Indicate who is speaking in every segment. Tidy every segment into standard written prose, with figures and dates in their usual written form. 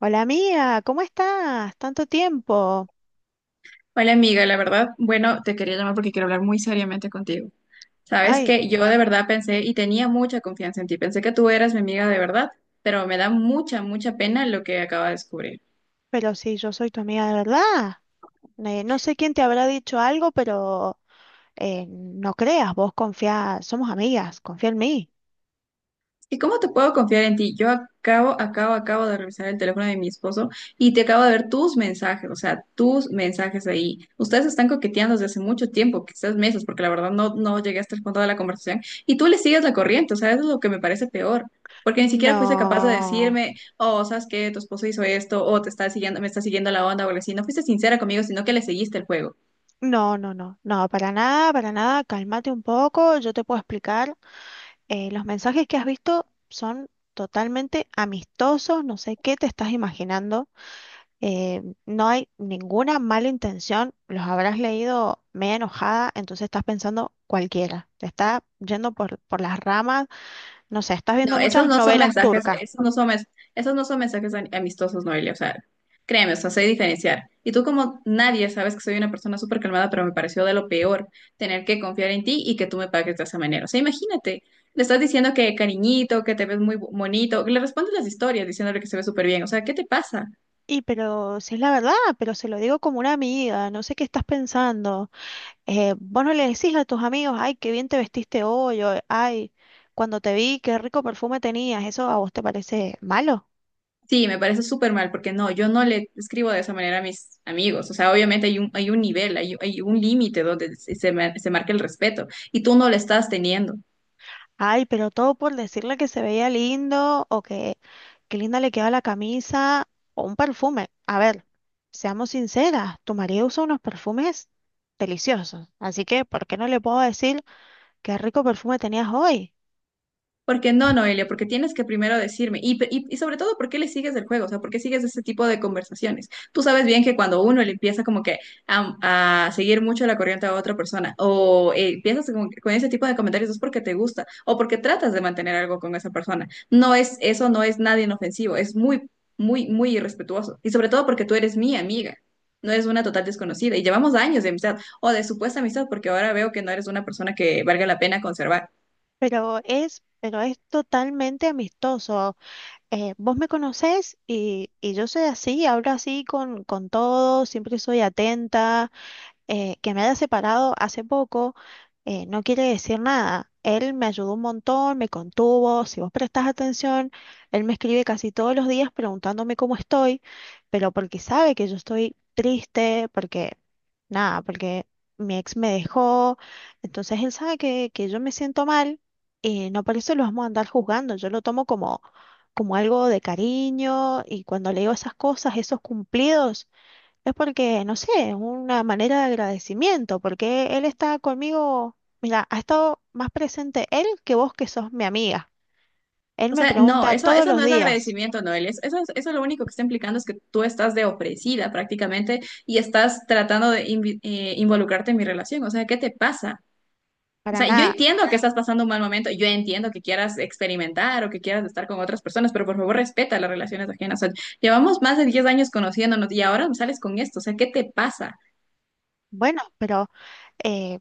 Speaker 1: Hola amiga, ¿cómo estás? Tanto tiempo.
Speaker 2: Hola amiga, la verdad, bueno, te quería llamar porque quiero hablar muy seriamente contigo. Sabes
Speaker 1: Ay,
Speaker 2: que yo de verdad pensé y tenía mucha confianza en ti, pensé que tú eras mi amiga de verdad, pero me da mucha, mucha pena lo que acaba de descubrir.
Speaker 1: pero sí, yo soy tu amiga de verdad. Ne- no sé quién te habrá dicho algo, pero no creas, vos confía, somos amigas, confía en mí.
Speaker 2: ¿Y cómo te puedo confiar en ti? Yo acabo de revisar el teléfono de mi esposo y te acabo de ver tus mensajes, o sea, tus mensajes ahí. Ustedes están coqueteando desde hace mucho tiempo, quizás meses, porque la verdad no llegué hasta el fondo de la conversación y tú le sigues la corriente, o sea, eso es lo que me parece peor, porque ni siquiera fuiste capaz de
Speaker 1: No,
Speaker 2: decirme, oh, ¿sabes qué? Tu esposo hizo esto, o te está siguiendo, me está siguiendo la onda o algo así. No fuiste sincera conmigo, sino que le seguiste el juego.
Speaker 1: no, no, no, no, para nada, cálmate un poco, yo te puedo explicar. Los mensajes que has visto son totalmente amistosos, no sé qué te estás imaginando. No hay ninguna mala intención, los habrás leído media enojada, entonces estás pensando cualquiera, te está yendo por las ramas, no sé, estás
Speaker 2: No,
Speaker 1: viendo
Speaker 2: esos
Speaker 1: muchas
Speaker 2: no son
Speaker 1: novelas
Speaker 2: mensajes,
Speaker 1: turcas.
Speaker 2: esos no son mensajes amistosos, Noelia. O sea, créeme, o sea, sé diferenciar. Y tú como nadie sabes que soy una persona súper calmada, pero me pareció de lo peor tener que confiar en ti y que tú me pagues de esa manera. O sea, imagínate, le estás diciendo que cariñito, que te ves muy bonito, que le respondes las historias diciéndole que se ve súper bien. O sea, ¿qué te pasa?
Speaker 1: Y pero si es la verdad, pero se lo digo como una amiga, no sé qué estás pensando. Vos no le decís a tus amigos, ay, qué bien te vestiste hoy, o, ay, cuando te vi, qué rico perfume tenías, ¿eso a vos te parece malo?
Speaker 2: Sí, me parece súper mal, porque no, yo no le escribo de esa manera a mis amigos. O sea, obviamente hay un nivel, hay hay un límite donde se, se marca el respeto y tú no lo estás teniendo.
Speaker 1: Ay, pero todo por decirle que se veía lindo o que qué linda le queda la camisa o un perfume. A ver, seamos sinceras, tu marido usa unos perfumes deliciosos, así que ¿por qué no le puedo decir qué rico perfume tenías hoy?
Speaker 2: Porque no, Noelia, porque tienes que primero decirme, y sobre todo, ¿por qué le sigues el juego? O sea, ¿por qué sigues ese tipo de conversaciones? Tú sabes bien que cuando uno le empieza como que a seguir mucho la corriente a otra persona, o empiezas como que con ese tipo de comentarios, es porque te gusta, o porque tratas de mantener algo con esa persona. No es, eso no es nada inofensivo, es muy irrespetuoso. Y sobre todo porque tú eres mi amiga, no eres una total desconocida, y llevamos años de amistad, o de supuesta amistad, porque ahora veo que no eres una persona que valga la pena conservar.
Speaker 1: Pero es totalmente amistoso. Vos me conocés y yo soy así, hablo así con todos, siempre soy atenta. Que me haya separado hace poco no quiere decir nada. Él me ayudó un montón, me contuvo. Si vos prestás atención, él me escribe casi todos los días preguntándome cómo estoy, pero porque sabe que yo estoy triste, porque nada, porque mi ex me dejó. Entonces él sabe que yo me siento mal y no por eso lo vamos a andar juzgando. Yo lo tomo como, como algo de cariño y cuando le digo esas cosas, esos cumplidos. Es porque, no sé, es una manera de agradecimiento, porque él está conmigo, mira, ha estado más presente él que vos que sos mi amiga. Él
Speaker 2: O
Speaker 1: me
Speaker 2: sea, no,
Speaker 1: pregunta
Speaker 2: eso,
Speaker 1: todos
Speaker 2: eso
Speaker 1: los
Speaker 2: no es
Speaker 1: días,
Speaker 2: agradecimiento, Noel. Eso, eso lo único que está implicando es que tú estás de ofrecida prácticamente y estás tratando de involucrarte en mi relación. O sea, ¿qué te pasa? O
Speaker 1: para
Speaker 2: sea, yo
Speaker 1: nada,
Speaker 2: entiendo que estás pasando un mal momento, yo entiendo que quieras experimentar o que quieras estar con otras personas, pero por favor respeta las relaciones ajenas. O sea, llevamos más de 10 años conociéndonos y ahora sales con esto. O sea, ¿qué te pasa?
Speaker 1: bueno, pero eh,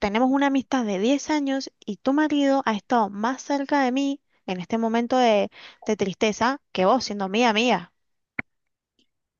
Speaker 1: tenemos una amistad de 10 años y tu marido ha estado más cerca de mí en este momento de tristeza que vos siendo mi amiga.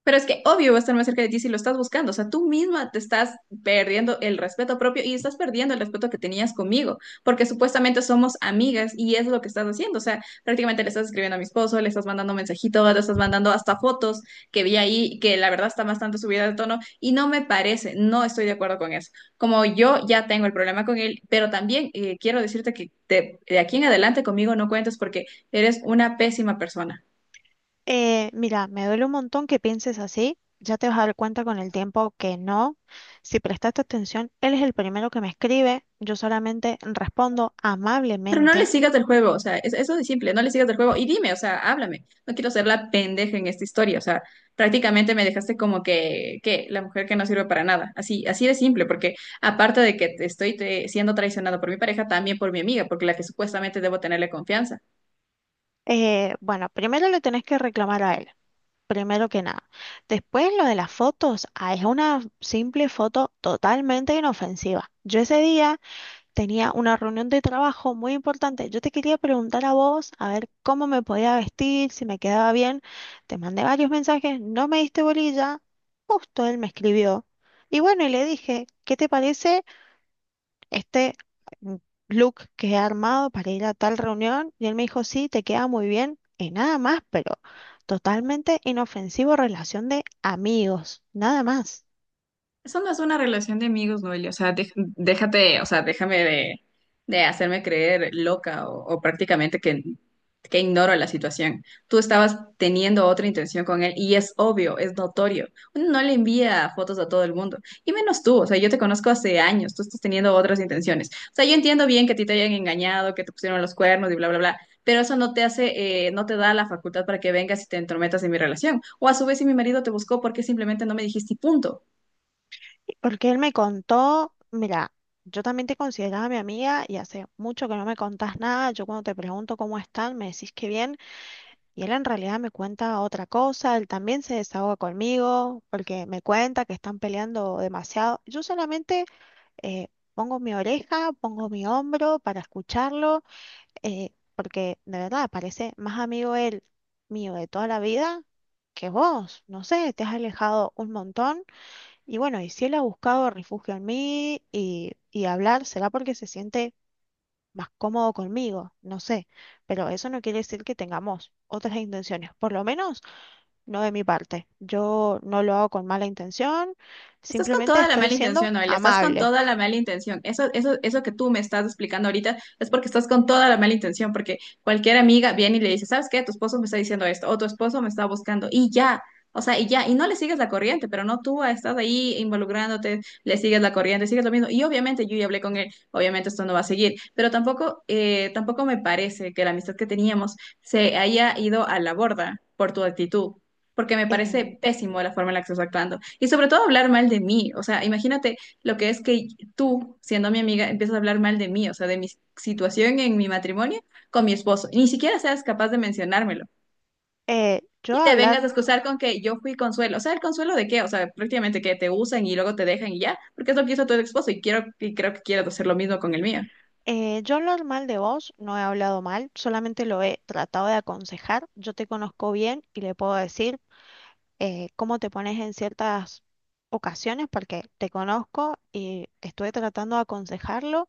Speaker 2: Pero es que obvio va a estar más cerca de ti si lo estás buscando. O sea, tú misma te estás perdiendo el respeto propio y estás perdiendo el respeto que tenías conmigo, porque supuestamente somos amigas y es lo que estás haciendo. O sea, prácticamente le estás escribiendo a mi esposo, le estás mandando mensajitos, le estás mandando hasta fotos que vi ahí, que la verdad está bastante subida de tono y no me parece, no estoy de acuerdo con eso. Como yo ya tengo el problema con él, pero también quiero decirte que de aquí en adelante conmigo no cuentes porque eres una pésima persona.
Speaker 1: Mira, me duele un montón que pienses así. Ya te vas a dar cuenta con el tiempo que no. Si prestaste atención, él es el primero que me escribe. Yo solamente respondo
Speaker 2: Pero no le
Speaker 1: amablemente.
Speaker 2: sigas el juego, o sea, eso de simple, no le sigas el juego y dime, o sea, háblame, no quiero ser la pendeja en esta historia, o sea, prácticamente me dejaste como que la mujer que no sirve para nada, así, así de simple, porque aparte de que te estoy siendo traicionado por mi pareja, también por mi amiga, porque la que supuestamente debo tenerle confianza.
Speaker 1: Bueno, primero le tenés que reclamar a él, primero que nada. Después lo de las fotos, ah, es una simple foto totalmente inofensiva. Yo ese día tenía una reunión de trabajo muy importante. Yo te quería preguntar a vos, a ver cómo me podía vestir, si me quedaba bien. Te mandé varios mensajes, no me diste bolilla. Justo él me escribió. Y bueno, y le dije, ¿qué te parece este mm, look que he armado para ir a tal reunión? Y él me dijo, sí, te queda muy bien. Y nada más, pero totalmente inofensivo, relación de amigos, nada más.
Speaker 2: Eso no es una relación de amigos, Noelia. O sea, déjate, o sea, déjame de hacerme creer loca o prácticamente que ignoro la situación. Tú estabas teniendo otra intención con él y es obvio, es notorio. Uno no le envía fotos a todo el mundo. Y menos tú, o sea, yo te conozco hace años, tú estás teniendo otras intenciones. O sea, yo entiendo bien que a ti te hayan engañado, que te pusieron los cuernos y bla, bla, bla. Pero eso no te hace, no te da la facultad para que vengas y te entrometas en mi relación. O a su vez, si mi marido te buscó, ¿porque simplemente no me dijiste y punto?
Speaker 1: Porque él me contó, mira, yo también te consideraba mi amiga y hace mucho que no me contás nada. Yo cuando te pregunto cómo están, me decís que bien y él en realidad me cuenta otra cosa. Él también se desahoga conmigo porque me cuenta que están peleando demasiado. Yo solamente eh, pongo mi oreja, pongo mi hombro para escucharlo, porque de verdad parece más amigo él mío de toda la vida que vos. No sé, te has alejado un montón. Y bueno, y si él ha buscado refugio en mí y hablar, será porque se siente más cómodo conmigo, no sé, pero eso no quiere decir que tengamos otras intenciones, por lo menos no de mi parte. Yo no lo hago con mala intención,
Speaker 2: Estás con
Speaker 1: simplemente
Speaker 2: toda la
Speaker 1: estoy
Speaker 2: mala
Speaker 1: siendo
Speaker 2: intención, Noelia, estás con
Speaker 1: amable.
Speaker 2: toda la mala intención. Eso que tú me estás explicando ahorita es porque estás con toda la mala intención, porque cualquier amiga viene y le dice, ¿sabes qué? Tu esposo me está diciendo esto, o tu esposo me está buscando, y ya, o sea, y ya, y no le sigues la corriente, pero no tú estás ahí involucrándote, le sigues la corriente, sigues lo mismo. Y obviamente yo ya hablé con él, obviamente esto no va a seguir, pero tampoco, tampoco me parece que la amistad que teníamos se haya ido a la borda por tu actitud porque me
Speaker 1: En-
Speaker 2: parece pésimo la forma en la que estás actuando. Y sobre todo hablar mal de mí. O sea, imagínate lo que es que tú, siendo mi amiga, empiezas a hablar mal de mí, o sea, de mi situación en mi matrimonio con mi esposo. Ni siquiera seas capaz de mencionármelo.
Speaker 1: eh, yo
Speaker 2: Y te vengas
Speaker 1: hablar,
Speaker 2: a excusar con que yo fui consuelo. O sea, ¿el consuelo de qué? O sea, prácticamente que te usan y luego te dejan y ya, porque es lo que hizo tu esposo y quiero, y creo que quieras hacer lo mismo con el mío.
Speaker 1: yo hablar mal de vos, no he hablado mal, solamente lo he tratado de aconsejar. Yo te conozco bien y le puedo decir cómo te pones en ciertas ocasiones, porque te conozco y estuve tratando de aconsejarlo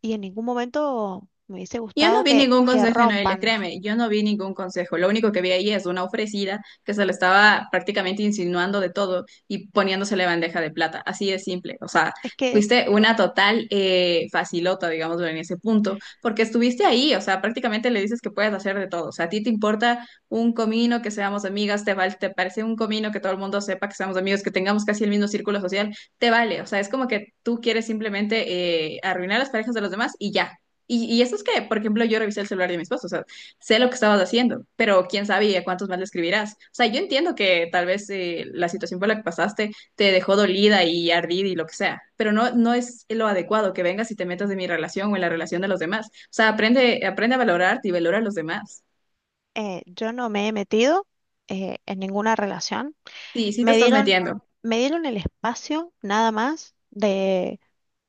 Speaker 1: y en ningún momento me hubiese
Speaker 2: Yo
Speaker 1: gustado
Speaker 2: no vi
Speaker 1: que,
Speaker 2: ningún
Speaker 1: que
Speaker 2: consejo Noelia,
Speaker 1: rompan.
Speaker 2: créeme, yo no vi ningún consejo. Lo único que vi ahí es una ofrecida que se le estaba prácticamente insinuando de todo y poniéndosele bandeja de plata. Así de simple. O sea,
Speaker 1: Es que
Speaker 2: fuiste una total facilota, digamos, en ese punto, porque estuviste ahí. O sea, prácticamente le dices que puedes hacer de todo. O sea, a ti te importa un comino que seamos amigas, te vale, te parece un comino que todo el mundo sepa que seamos amigos, que tengamos casi el mismo círculo social, te vale. O sea, es como que tú quieres simplemente arruinar las parejas de los demás y ya. Y eso es que, por ejemplo, yo revisé el celular de mi esposo, o sea, sé lo que estabas haciendo, pero quién sabe y a cuántos más le escribirás. O sea, yo entiendo que tal vez la situación por la que pasaste te dejó dolida y ardida y lo que sea, pero no, no es lo adecuado que vengas y te metas en mi relación o en la relación de los demás. O sea, aprende, aprende a valorarte y valora a los demás.
Speaker 1: yo no me he metido en ninguna relación.
Speaker 2: Sí, sí te
Speaker 1: Me
Speaker 2: estás
Speaker 1: dieron,
Speaker 2: metiendo.
Speaker 1: me dieron el espacio nada más de,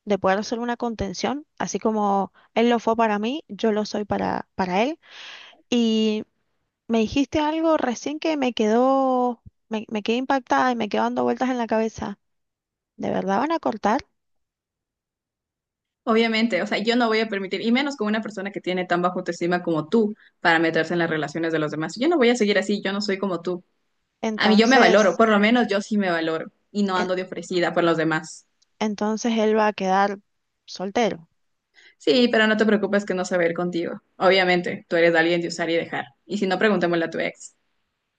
Speaker 1: de poder hacer una contención, así como él lo fue para mí, yo lo soy para él. Y me dijiste algo recién que me quedó, me quedé impactada y me quedó dando vueltas en la cabeza. ¿De verdad van a cortar?
Speaker 2: Obviamente, o sea, yo no voy a permitir, y menos con una persona que tiene tan bajo autoestima como tú, para meterse en las relaciones de los demás. Yo no voy a seguir así, yo no soy como tú. A mí yo me valoro,
Speaker 1: Entonces,
Speaker 2: por lo menos yo sí me valoro y no
Speaker 1: e-
Speaker 2: ando de ofrecida por los demás.
Speaker 1: entonces él va a quedar soltero.
Speaker 2: Sí, pero no te preocupes que no se va a ir contigo. Obviamente, tú eres alguien de usar y dejar. Y si no, preguntémosle a tu ex,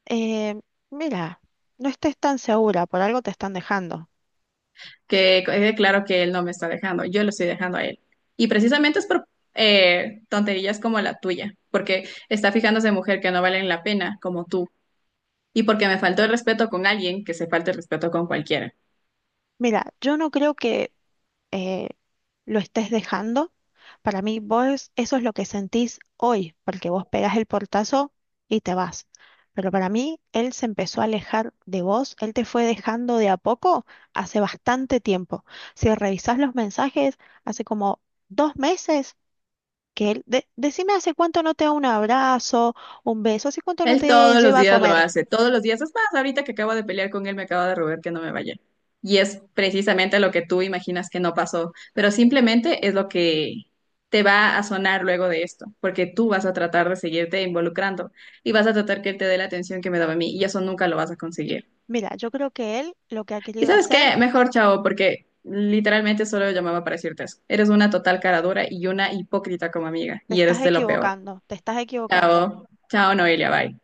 Speaker 1: Eh, Mira, no estés tan segura, por algo te están dejando.
Speaker 2: que quede claro que él no me está dejando, yo lo estoy dejando a él. Y precisamente es por tonterías como la tuya, porque está fijándose en mujer que no valen la pena, como tú, y porque me faltó el respeto con alguien que se falte el respeto con cualquiera.
Speaker 1: Mira, yo no creo que eh, lo estés dejando. Para mí, vos, eso es lo que sentís hoy, porque vos pegás el portazo y te vas. Pero para mí, él se empezó a alejar de vos, él te fue dejando de a poco hace bastante tiempo. Si revisás los mensajes, hace como 2 meses que él, decime hace cuánto no te da un abrazo, un beso, hace cuánto no
Speaker 2: Él
Speaker 1: te
Speaker 2: todos los
Speaker 1: lleva a
Speaker 2: días lo
Speaker 1: comer.
Speaker 2: hace, todos los días. Es más, ahorita que acabo de pelear con él, me acaba de robar que no me vaya. Y es precisamente lo que tú imaginas que no pasó, pero simplemente es lo que te va a sonar luego de esto, porque tú vas a tratar de seguirte involucrando y vas a tratar que él te dé la atención que me daba a mí y eso nunca lo vas a conseguir.
Speaker 1: Mira, yo creo que él lo que ha
Speaker 2: ¿Y
Speaker 1: querido
Speaker 2: sabes
Speaker 1: hacer,
Speaker 2: qué? Mejor chao, porque literalmente solo llamaba para decirte eso. Eres una total cara dura y una hipócrita como amiga
Speaker 1: te
Speaker 2: y
Speaker 1: estás
Speaker 2: eres de lo peor.
Speaker 1: equivocando, te estás equivocando.
Speaker 2: Chao, chao Noelia, bye.